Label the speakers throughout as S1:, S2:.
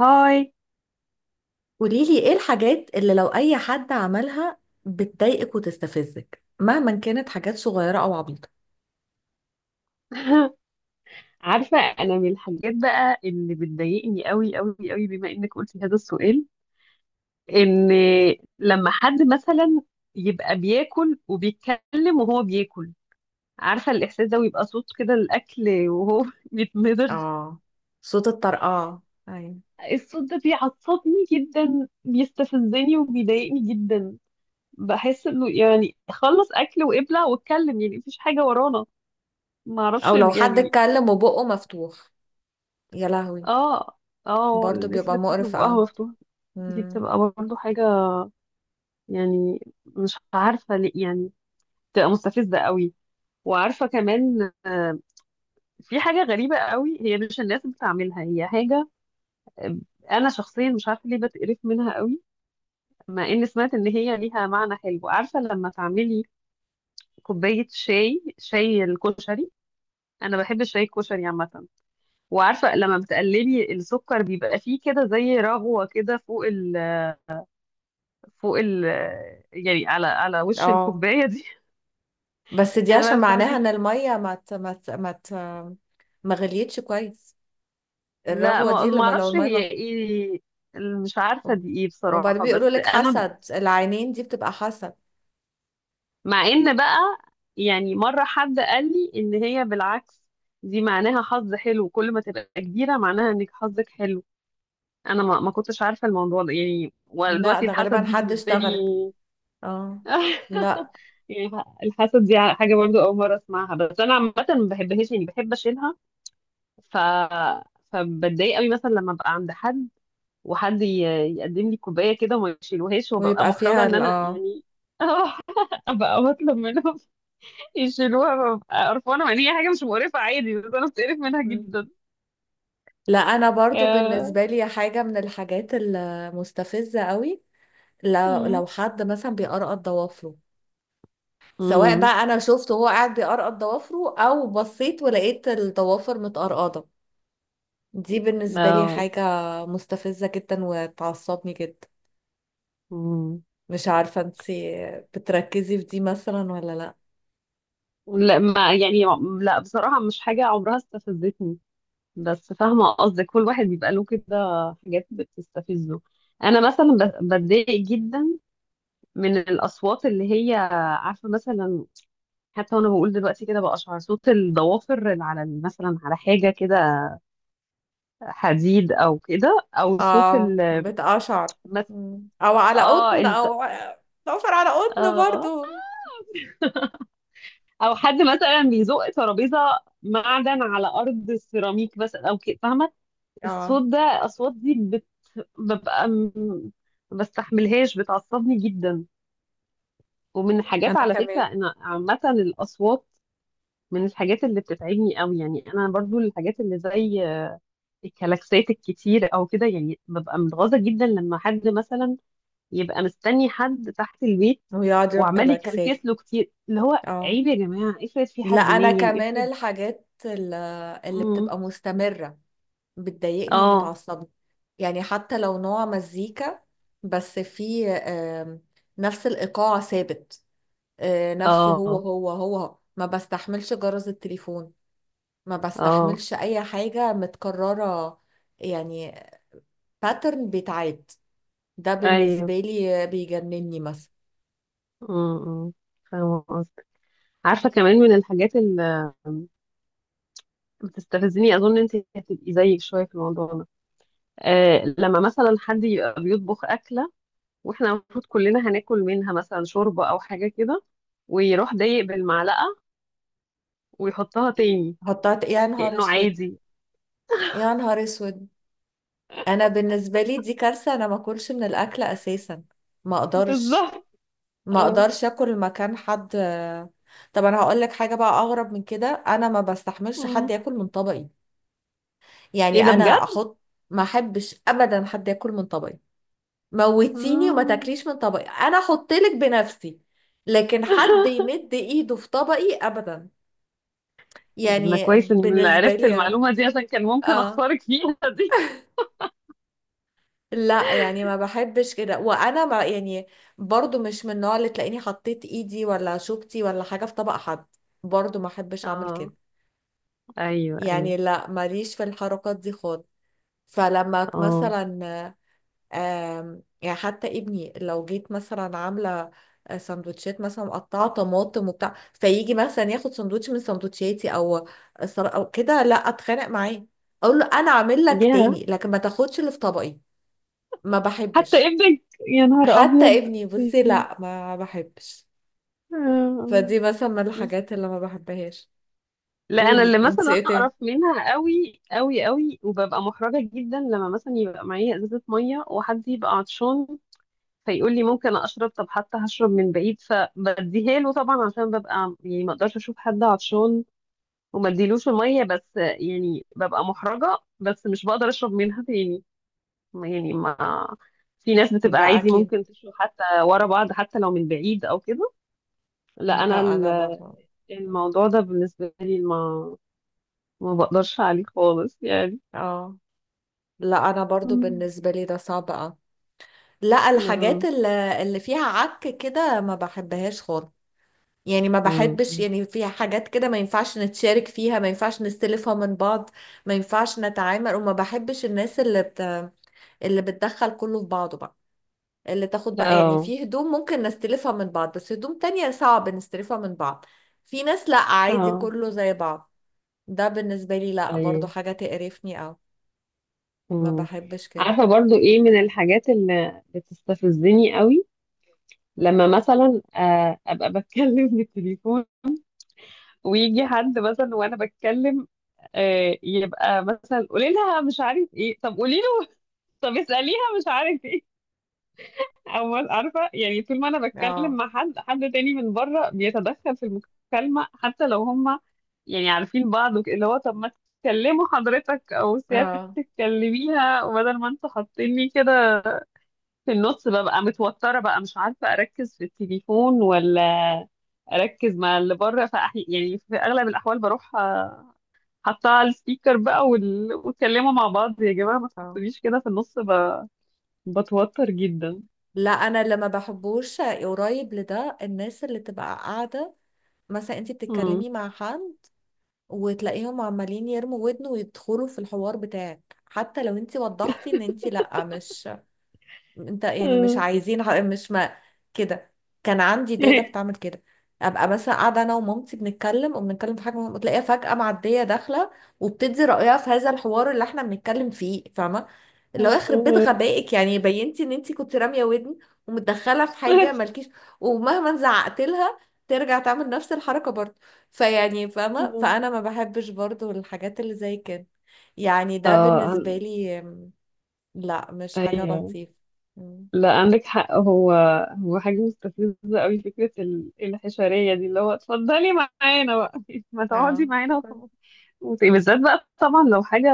S1: هاي.
S2: قوليلي ايه الحاجات اللي لو اي حد عملها بتضايقك وتستفزك مهما كانت حاجات صغيرة او عبيطة.
S1: عارفة أنا من الحاجات بقى اللي بتضايقني قوي قوي قوي بما إنك قلتي هذا السؤال. إن لما حد مثلا يبقى بياكل وبيتكلم وهو بياكل، عارفة الإحساس ده، ويبقى صوت كده الأكل وهو بيتمضغ.
S2: اه، صوت الطرقعة. أيوة.
S1: الصوت ده بيعصبني جدا، بيستفزني وبيضايقني جدا. بحس إنه يعني خلص أكل وابلع واتكلم، يعني مفيش حاجة ورانا. معرفش
S2: او لو حد
S1: يعني.
S2: اتكلم وبقه مفتوح يا لهوي.
S1: آه. آه،
S2: برضو
S1: الناس
S2: بيبقى
S1: اللي بتاكل
S2: مقرف،
S1: بقها
S2: اه.
S1: مفتوحة، دي
S2: مم.
S1: بتبقى برضو حاجة يعني، مش عارفة ليه يعني، بتبقى مستفزة قوي. وعارفة كمان في حاجة غريبة قوي، هي مش الناس بتعملها، هي حاجة، آه، أنا شخصيا مش عارفة ليه بتقرف منها قوي، مع إني سمعت إن هي ليها معنى حلو. عارفة لما تعملي كوباية شاي الكشري، أنا بحب الشاي الكشري عامة، وعارفة لما بتقلبي السكر بيبقى فيه كده زي رغوة كده فوق ال يعني على وش
S2: اه،
S1: الكوباية دي.
S2: بس دي
S1: انا بقى
S2: عشان معناها
S1: بتاعتي.
S2: ان المية ما غليتش كويس.
S1: لا،
S2: الرغوة
S1: ما
S2: دي
S1: ما
S2: لما لو
S1: اعرفش
S2: المية
S1: هي
S2: ما...
S1: ايه، مش عارفه دي ايه
S2: وبعدين
S1: بصراحه. بس
S2: بيقولوا لك
S1: انا
S2: حسد، العينين دي بتبقى حسد.
S1: مع ان بقى يعني مره حد قال لي ان هي بالعكس، دي معناها حظ حلو، كل ما تبقى كبيره معناها انك حظك حلو. انا ما كنتش عارفه الموضوع ده يعني،
S2: لا،
S1: ودلوقتي
S2: ده غالبا
S1: الحسد دي
S2: حد
S1: بالنسبه لي.
S2: اشتغلك. اه، لا.
S1: يعني الحسد دي حاجه برضو اول مره اسمعها، بس انا عامه ما بحبهاش، يعني بحب اشيلها. ف فبتضايق قوي مثلا لما ابقى عند حد، وحد يقدم لي كوبايه كده وما يشيلوهاش، وببقى
S2: ويبقى
S1: محرجه
S2: فيها
S1: ان
S2: ال،
S1: انا
S2: اه.
S1: يعني اروح ابقى بطلب منهم يشيلوها، ببقى قرفانه، مع ان هي حاجه مش مقرفه عادي، بس انا بتقرف منها
S2: مم.
S1: جدا.
S2: لا انا برضو
S1: آه.
S2: بالنسبه لي حاجه من الحاجات المستفزه قوي، لو
S1: مم.
S2: لو حد مثلا بيقرقط ضوافره، سواء
S1: مم.
S2: بقى انا شفته وهو قاعد بيقرقط ضوافره او بصيت ولقيت الضوافر متقرقضه. دي بالنسبه لي
S1: اه.
S2: حاجه مستفزه جدا وتعصبني جدا.
S1: مم.
S2: مش عارفه انتي بتركزي في دي مثلا ولا لا.
S1: لا، ما يعني لا بصراحه مش حاجه عمرها استفزتني، بس فاهمه قصدك، كل واحد بيبقى له كده حاجات بتستفزه. انا مثلا بتضايق جدا من الاصوات اللي هي، عارفه مثلا، حتى وانا بقول دلوقتي كده بقشعر، صوت الضوافر اللي على مثلا على حاجه كده حديد او كده، او صوت
S2: اه،
S1: ال
S2: بتقشعر.
S1: مث-
S2: مم. او على
S1: اه
S2: قطن،
S1: ال
S2: او ضوافر على قطن
S1: اه
S2: برضو.
S1: او حد مثلا بيزق ترابيزه معدن على ارض السيراميك بس، او كده فاهمه. الصوت
S2: اه،
S1: ده، اصوات دي بت... ببقى م- ما بستحملهاش، بتعصبني جدا. ومن حاجات
S2: انا
S1: على فكره
S2: كمان.
S1: انا عامه الاصوات، من الحاجات اللي بتتعبني قوي، يعني انا برضو الحاجات اللي زي الكلاكسات الكتير او كده، يعني ببقى متغاظه جدا لما حد مثلا يبقى مستني حد تحت البيت،
S2: ويقعد يربي
S1: وعمال
S2: جلاكسات.
S1: يكلكس له كتير، اللي هو
S2: اه،
S1: عيب يا جماعه، افرض في
S2: لا
S1: حد
S2: انا
S1: نايم
S2: كمان
S1: افرض.
S2: الحاجات اللي
S1: امم.
S2: بتبقى مستمرة بتضايقني
S1: اه.
S2: وبتعصبني، يعني حتى لو نوع مزيكا، بس في نفس الإيقاع ثابت، نفسه هو
S1: اه.
S2: هو هو. ما بستحملش جرس التليفون، ما
S1: اه.
S2: بستحملش أي حاجة متكررة، يعني باترن بيتعاد، ده
S1: ايوه.
S2: بالنسبة لي بيجنني مثلا.
S1: امم. فاهمه قصدك. عارفه كمان من الحاجات اللي بتستفزني، اظن انت هتبقي زيك شويه في الموضوع ده. لما مثلا حد يبقى بيطبخ اكله، واحنا المفروض كلنا هناكل منها، مثلا شوربة او حاجة كده، ويروح ضايق بالمعلقة ويحطها تاني
S2: يا نهار
S1: كأنه
S2: اسود،
S1: عادي.
S2: يا نهار اسود. انا بالنسبه لي دي كارثه، انا ما اكلش من الاكل اساسا. ما اقدرش،
S1: بالظبط.
S2: ما
S1: اه.
S2: اقدرش اكل مكان حد. طب انا هقول لك حاجه بقى اغرب من كده، انا ما بستحملش حد
S1: مم.
S2: ياكل من طبقي.
S1: ايه
S2: يعني
S1: ده بجد؟
S2: انا احط، ما احبش ابدا حد ياكل من طبقي. موتيني وما
S1: آه.
S2: تاكليش من طبقي، انا احط لك بنفسي، لكن حد يمد ايده في طبقي ابدا.
S1: ده انا
S2: يعني
S1: كويس اني اللي
S2: بالنسبه
S1: عرفت
S2: لي،
S1: المعلومة دي، عشان كان ممكن
S2: اه،
S1: اخسرك فيها دي.
S2: لا يعني ما بحبش كده. وانا ما يعني برضو مش من النوع اللي تلاقيني حطيت ايدي ولا شوكتي ولا حاجة في طبق حد، برضو ما احبش اعمل
S1: اه.
S2: كده.
S1: ايوه ايوه.
S2: يعني لا ماليش في الحركات دي خالص. فلما
S1: اه.
S2: مثلا، يعني حتى ابني لو جيت مثلا عاملة سندوتشات مثلا مقطعة طماطم وبتاع، فيجي مثلا ياخد سندوتش من سندوتشاتي او او كده، لا اتخانق معاه اقول له انا عامل لك
S1: يا.
S2: تاني، لكن ما تاخدش اللي في طبقي، ما
S1: حتى
S2: بحبش.
S1: ابنك، يا نهار
S2: حتى
S1: ابيض.
S2: ابني، بصي،
S1: اوكي.
S2: لا ما بحبش.
S1: آه.
S2: فدي مثلا من الحاجات اللي ما بحبهاش.
S1: لا، انا اللي
S2: قولي انت
S1: مثلا
S2: ايه
S1: اقرف
S2: تاني.
S1: منها قوي قوي قوي وببقى محرجه جدا، لما مثلا يبقى معايا ازازه ميه وحد يبقى عطشان فيقول لي ممكن اشرب، طب حتى هشرب من بعيد، فبديها له طبعا عشان ببقى يعني ما اقدرش اشوف حد عطشان وما اديلوش الميه. بس يعني ببقى محرجه، بس مش بقدر اشرب منها تاني يعني. ما في ناس بتبقى
S2: لا
S1: عادي
S2: اكيد.
S1: ممكن تشرب حتى ورا بعض، حتى لو من بعيد او كده. لا، انا
S2: لا انا برضه.
S1: الموضوع ده بالنسبه لي ما بقدرش عليه خالص يعني.
S2: اه، لا انا برضو
S1: مم.
S2: بالنسبه لي ده صعب، اه. لا الحاجات
S1: اه.
S2: اللي فيها عك كده ما بحبهاش خالص. يعني ما بحبش،
S1: مم.
S2: يعني فيها حاجات كده ما ينفعش نتشارك فيها، ما ينفعش نستلفها من بعض، ما ينفعش نتعامل. وما بحبش الناس اللي اللي بتدخل كله في بعضه بقى، اللي تاخد بقى. يعني
S1: اه.
S2: في هدوم ممكن نستلفها من بعض، بس هدوم تانية صعب نستلفها من بعض. في ناس لا عادي
S1: اه.
S2: كله زي بعض، ده بالنسبة لي لا
S1: اي.
S2: برضو حاجة تقرفني، او ما
S1: مم.
S2: بحبش كده.
S1: عارفه برضو ايه من الحاجات اللي بتستفزني قوي؟
S2: مم.
S1: لما مثلا ابقى بتكلم في التليفون ويجي حد مثلا وانا بتكلم، يبقى مثلا قولي لها مش عارف ايه، طب قولي له، طب اساليها مش عارف ايه. أول عارفة يعني، طول ما أنا بتكلم
S2: اه،
S1: مع حد تاني من بره بيتدخل في المكالمة، حتى لو هما يعني عارفين بعض اللي هو طب ما تكلموا حضرتك أو
S2: اه،
S1: سيادتك، تكلميها، وبدل ما انتوا حاطيني كده في النص ببقى متوترة بقى، مش عارفة أركز في التليفون ولا أركز مع اللي بره. يعني في أغلب الأحوال بروح حاطاه على السبيكر بقى، واتكلموا مع بعض يا جماعة، ما
S2: اه.
S1: تحطونيش كده في النص بتوتر جدا.
S2: لا انا اللي ما بحبوش قريب لده، الناس اللي تبقى قاعدة مثلا انت
S1: مم.
S2: بتتكلمي مع حد وتلاقيهم عمالين يرموا ودن ويدخلوا في الحوار بتاعك، حتى لو انت وضحتي ان انت لا مش، انت يعني مش عايزين مش ما، كده. كان عندي داده بتعمل كده، ابقى مثلا قاعده انا ومامتي بنتكلم وبنتكلم في حاجه مهمة، وتلاقيها فجاه معديه داخله وبتدي رايها في هذا الحوار اللي احنا بنتكلم فيه، فاهمه. اللي هو يخرب بيت
S1: آه.
S2: غبائك، يعني بينتي ان انت كنت راميه ودن ومتدخله في حاجه مالكيش. ومهما زعقت لها ترجع تعمل نفس الحركه برضه. فيعني فاهمه، فانا ما بحبش برضه الحاجات اللي زي كده. يعني ده
S1: اه.
S2: بالنسبه لي لا مش حاجه
S1: ايوه.
S2: لطيفه.
S1: لا، عندك حق، هو حاجه مستفزه قوي، فكره الحشريه دي، اللي هو اتفضلي معانا بقى ما تقعدي
S2: اه،
S1: معانا وخلاص. بالذات بقى طبعا لو حاجه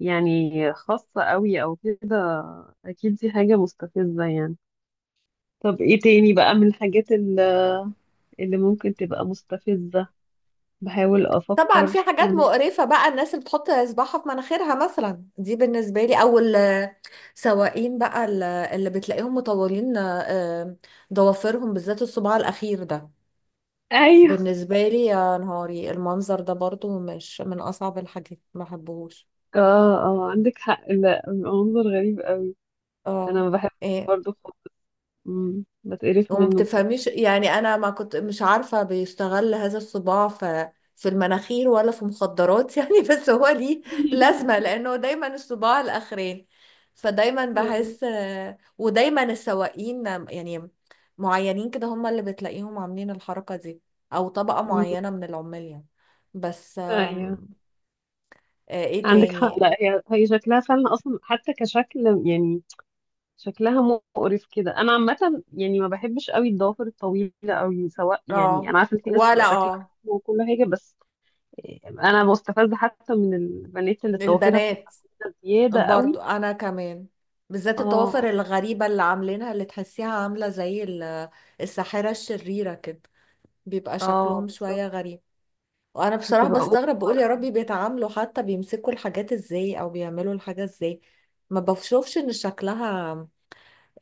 S1: يعني خاصه قوي او كده، اكيد دي حاجه مستفزه يعني. طب ايه تاني بقى من الحاجات اللي ممكن تبقى مستفزه؟ بحاول
S2: طبعا في
S1: افكر
S2: حاجات
S1: انا.
S2: مقرفة بقى، الناس اللي بتحط إصبعها في مناخيرها مثلا دي بالنسبة لي، أو السواقين بقى اللي بتلاقيهم مطولين، ضوافرهم بالذات الصباع الأخير ده
S1: ايوه.
S2: بالنسبة لي يا نهاري. المنظر ده برضو مش من أصعب الحاجات، ما بحبهوش.
S1: اه. اه عندك حق، لا منظر غريب قوي. انا
S2: اه،
S1: ما بحبش
S2: إيه،
S1: برضه خالص. مم. بتقرف
S2: وما
S1: منه
S2: بتفهميش،
S1: بصراحه.
S2: يعني انا ما كنت مش عارفة بيستغل هذا الصباع في في المناخير ولا في مخدرات يعني. بس هو ليه لازمة، لانه دايما الصباع الاخرين، فدايما
S1: مم.
S2: بحس، ودايما السواقين يعني معينين كده هم اللي بتلاقيهم عاملين الحركة دي، او طبقة
S1: مم.
S2: معينة من العمال يعني. بس
S1: ايوه
S2: ايه
S1: عندك حق،
S2: تاني.
S1: لا هي شكلها فعلا اصلا حتى كشكل، يعني شكلها مقرف كده انا عامه، يعني ما بحبش قوي الضوافر الطويله قوي، سواء. يعني
S2: اه،
S1: انا عارفه ان في ناس
S2: ولا
S1: بتبقى شكلها
S2: اه،
S1: حلو وكل حاجه، بس انا مستفزه حتى من البنات اللي ضوافرها
S2: البنات.
S1: بتبقى طويلة زياده قوي.
S2: برضو انا كمان بالذات الطوافر
S1: اه.
S2: الغريبة اللي عاملينها، اللي تحسيها عاملة زي الساحرة الشريرة كده، بيبقى
S1: اه
S2: شكلهم
S1: بالظبط.
S2: شوية غريب. وانا بصراحة
S1: بتبقى اوفر.
S2: بستغرب بقول يا ربي بيتعاملوا حتى بيمسكوا الحاجات ازاي او بيعملوا الحاجة ازاي. ما بشوفش ان شكلها،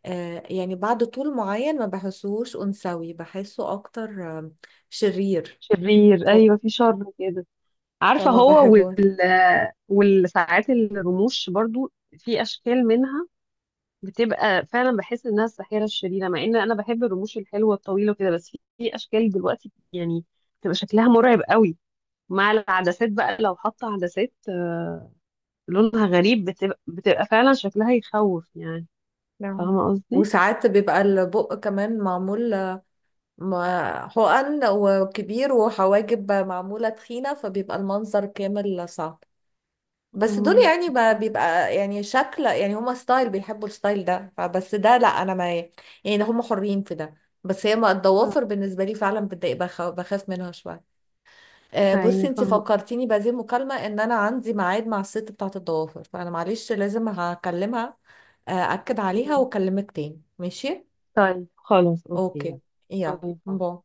S2: يعني بعد طول معين ما بحسوش انثوي، بحسه اكتر شرير.
S1: شرير
S2: ف-
S1: ايوه، في شر كده. عارفة،
S2: فما
S1: هو
S2: بحبه.
S1: والساعات الرموش برضو، في أشكال منها بتبقى، فعلا بحس إنها الساحرة الشريرة، مع إن أنا بحب الرموش الحلوة الطويلة وكده، بس في أشكال دلوقتي يعني بتبقى شكلها مرعب قوي. مع العدسات بقى لو حاطة عدسات لونها غريب، بتبقى فعلا شكلها يخوف يعني،
S2: نعم.
S1: فاهمة قصدي؟
S2: وساعات بيبقى البق كمان معمول، ما حقن وكبير، وحواجب معمولة تخينة، فبيبقى المنظر كامل صعب. بس دول
S1: اه
S2: يعني
S1: بالظبط.
S2: بيبقى يعني شكل، يعني هما ستايل بيحبوا الستايل ده فبس، ده لا انا ما، يعني هما حرين في ده. بس هي ما الضوافر
S1: آه.
S2: بالنسبة لي فعلا بتضايق، بخاف منها شوية. بصي
S1: أيوه،
S2: انتي
S1: فاهمة
S2: فكرتيني بهذه المكالمة ان انا عندي ميعاد مع الست بتاعة الضوافر، فانا معلش لازم هكلمها، اكد عليها
S1: قصدي.
S2: واكلمك تاني ماشي.
S1: طيب خلاص أوكي يلا.
S2: اوكي، يلا،
S1: باي باي.
S2: باي.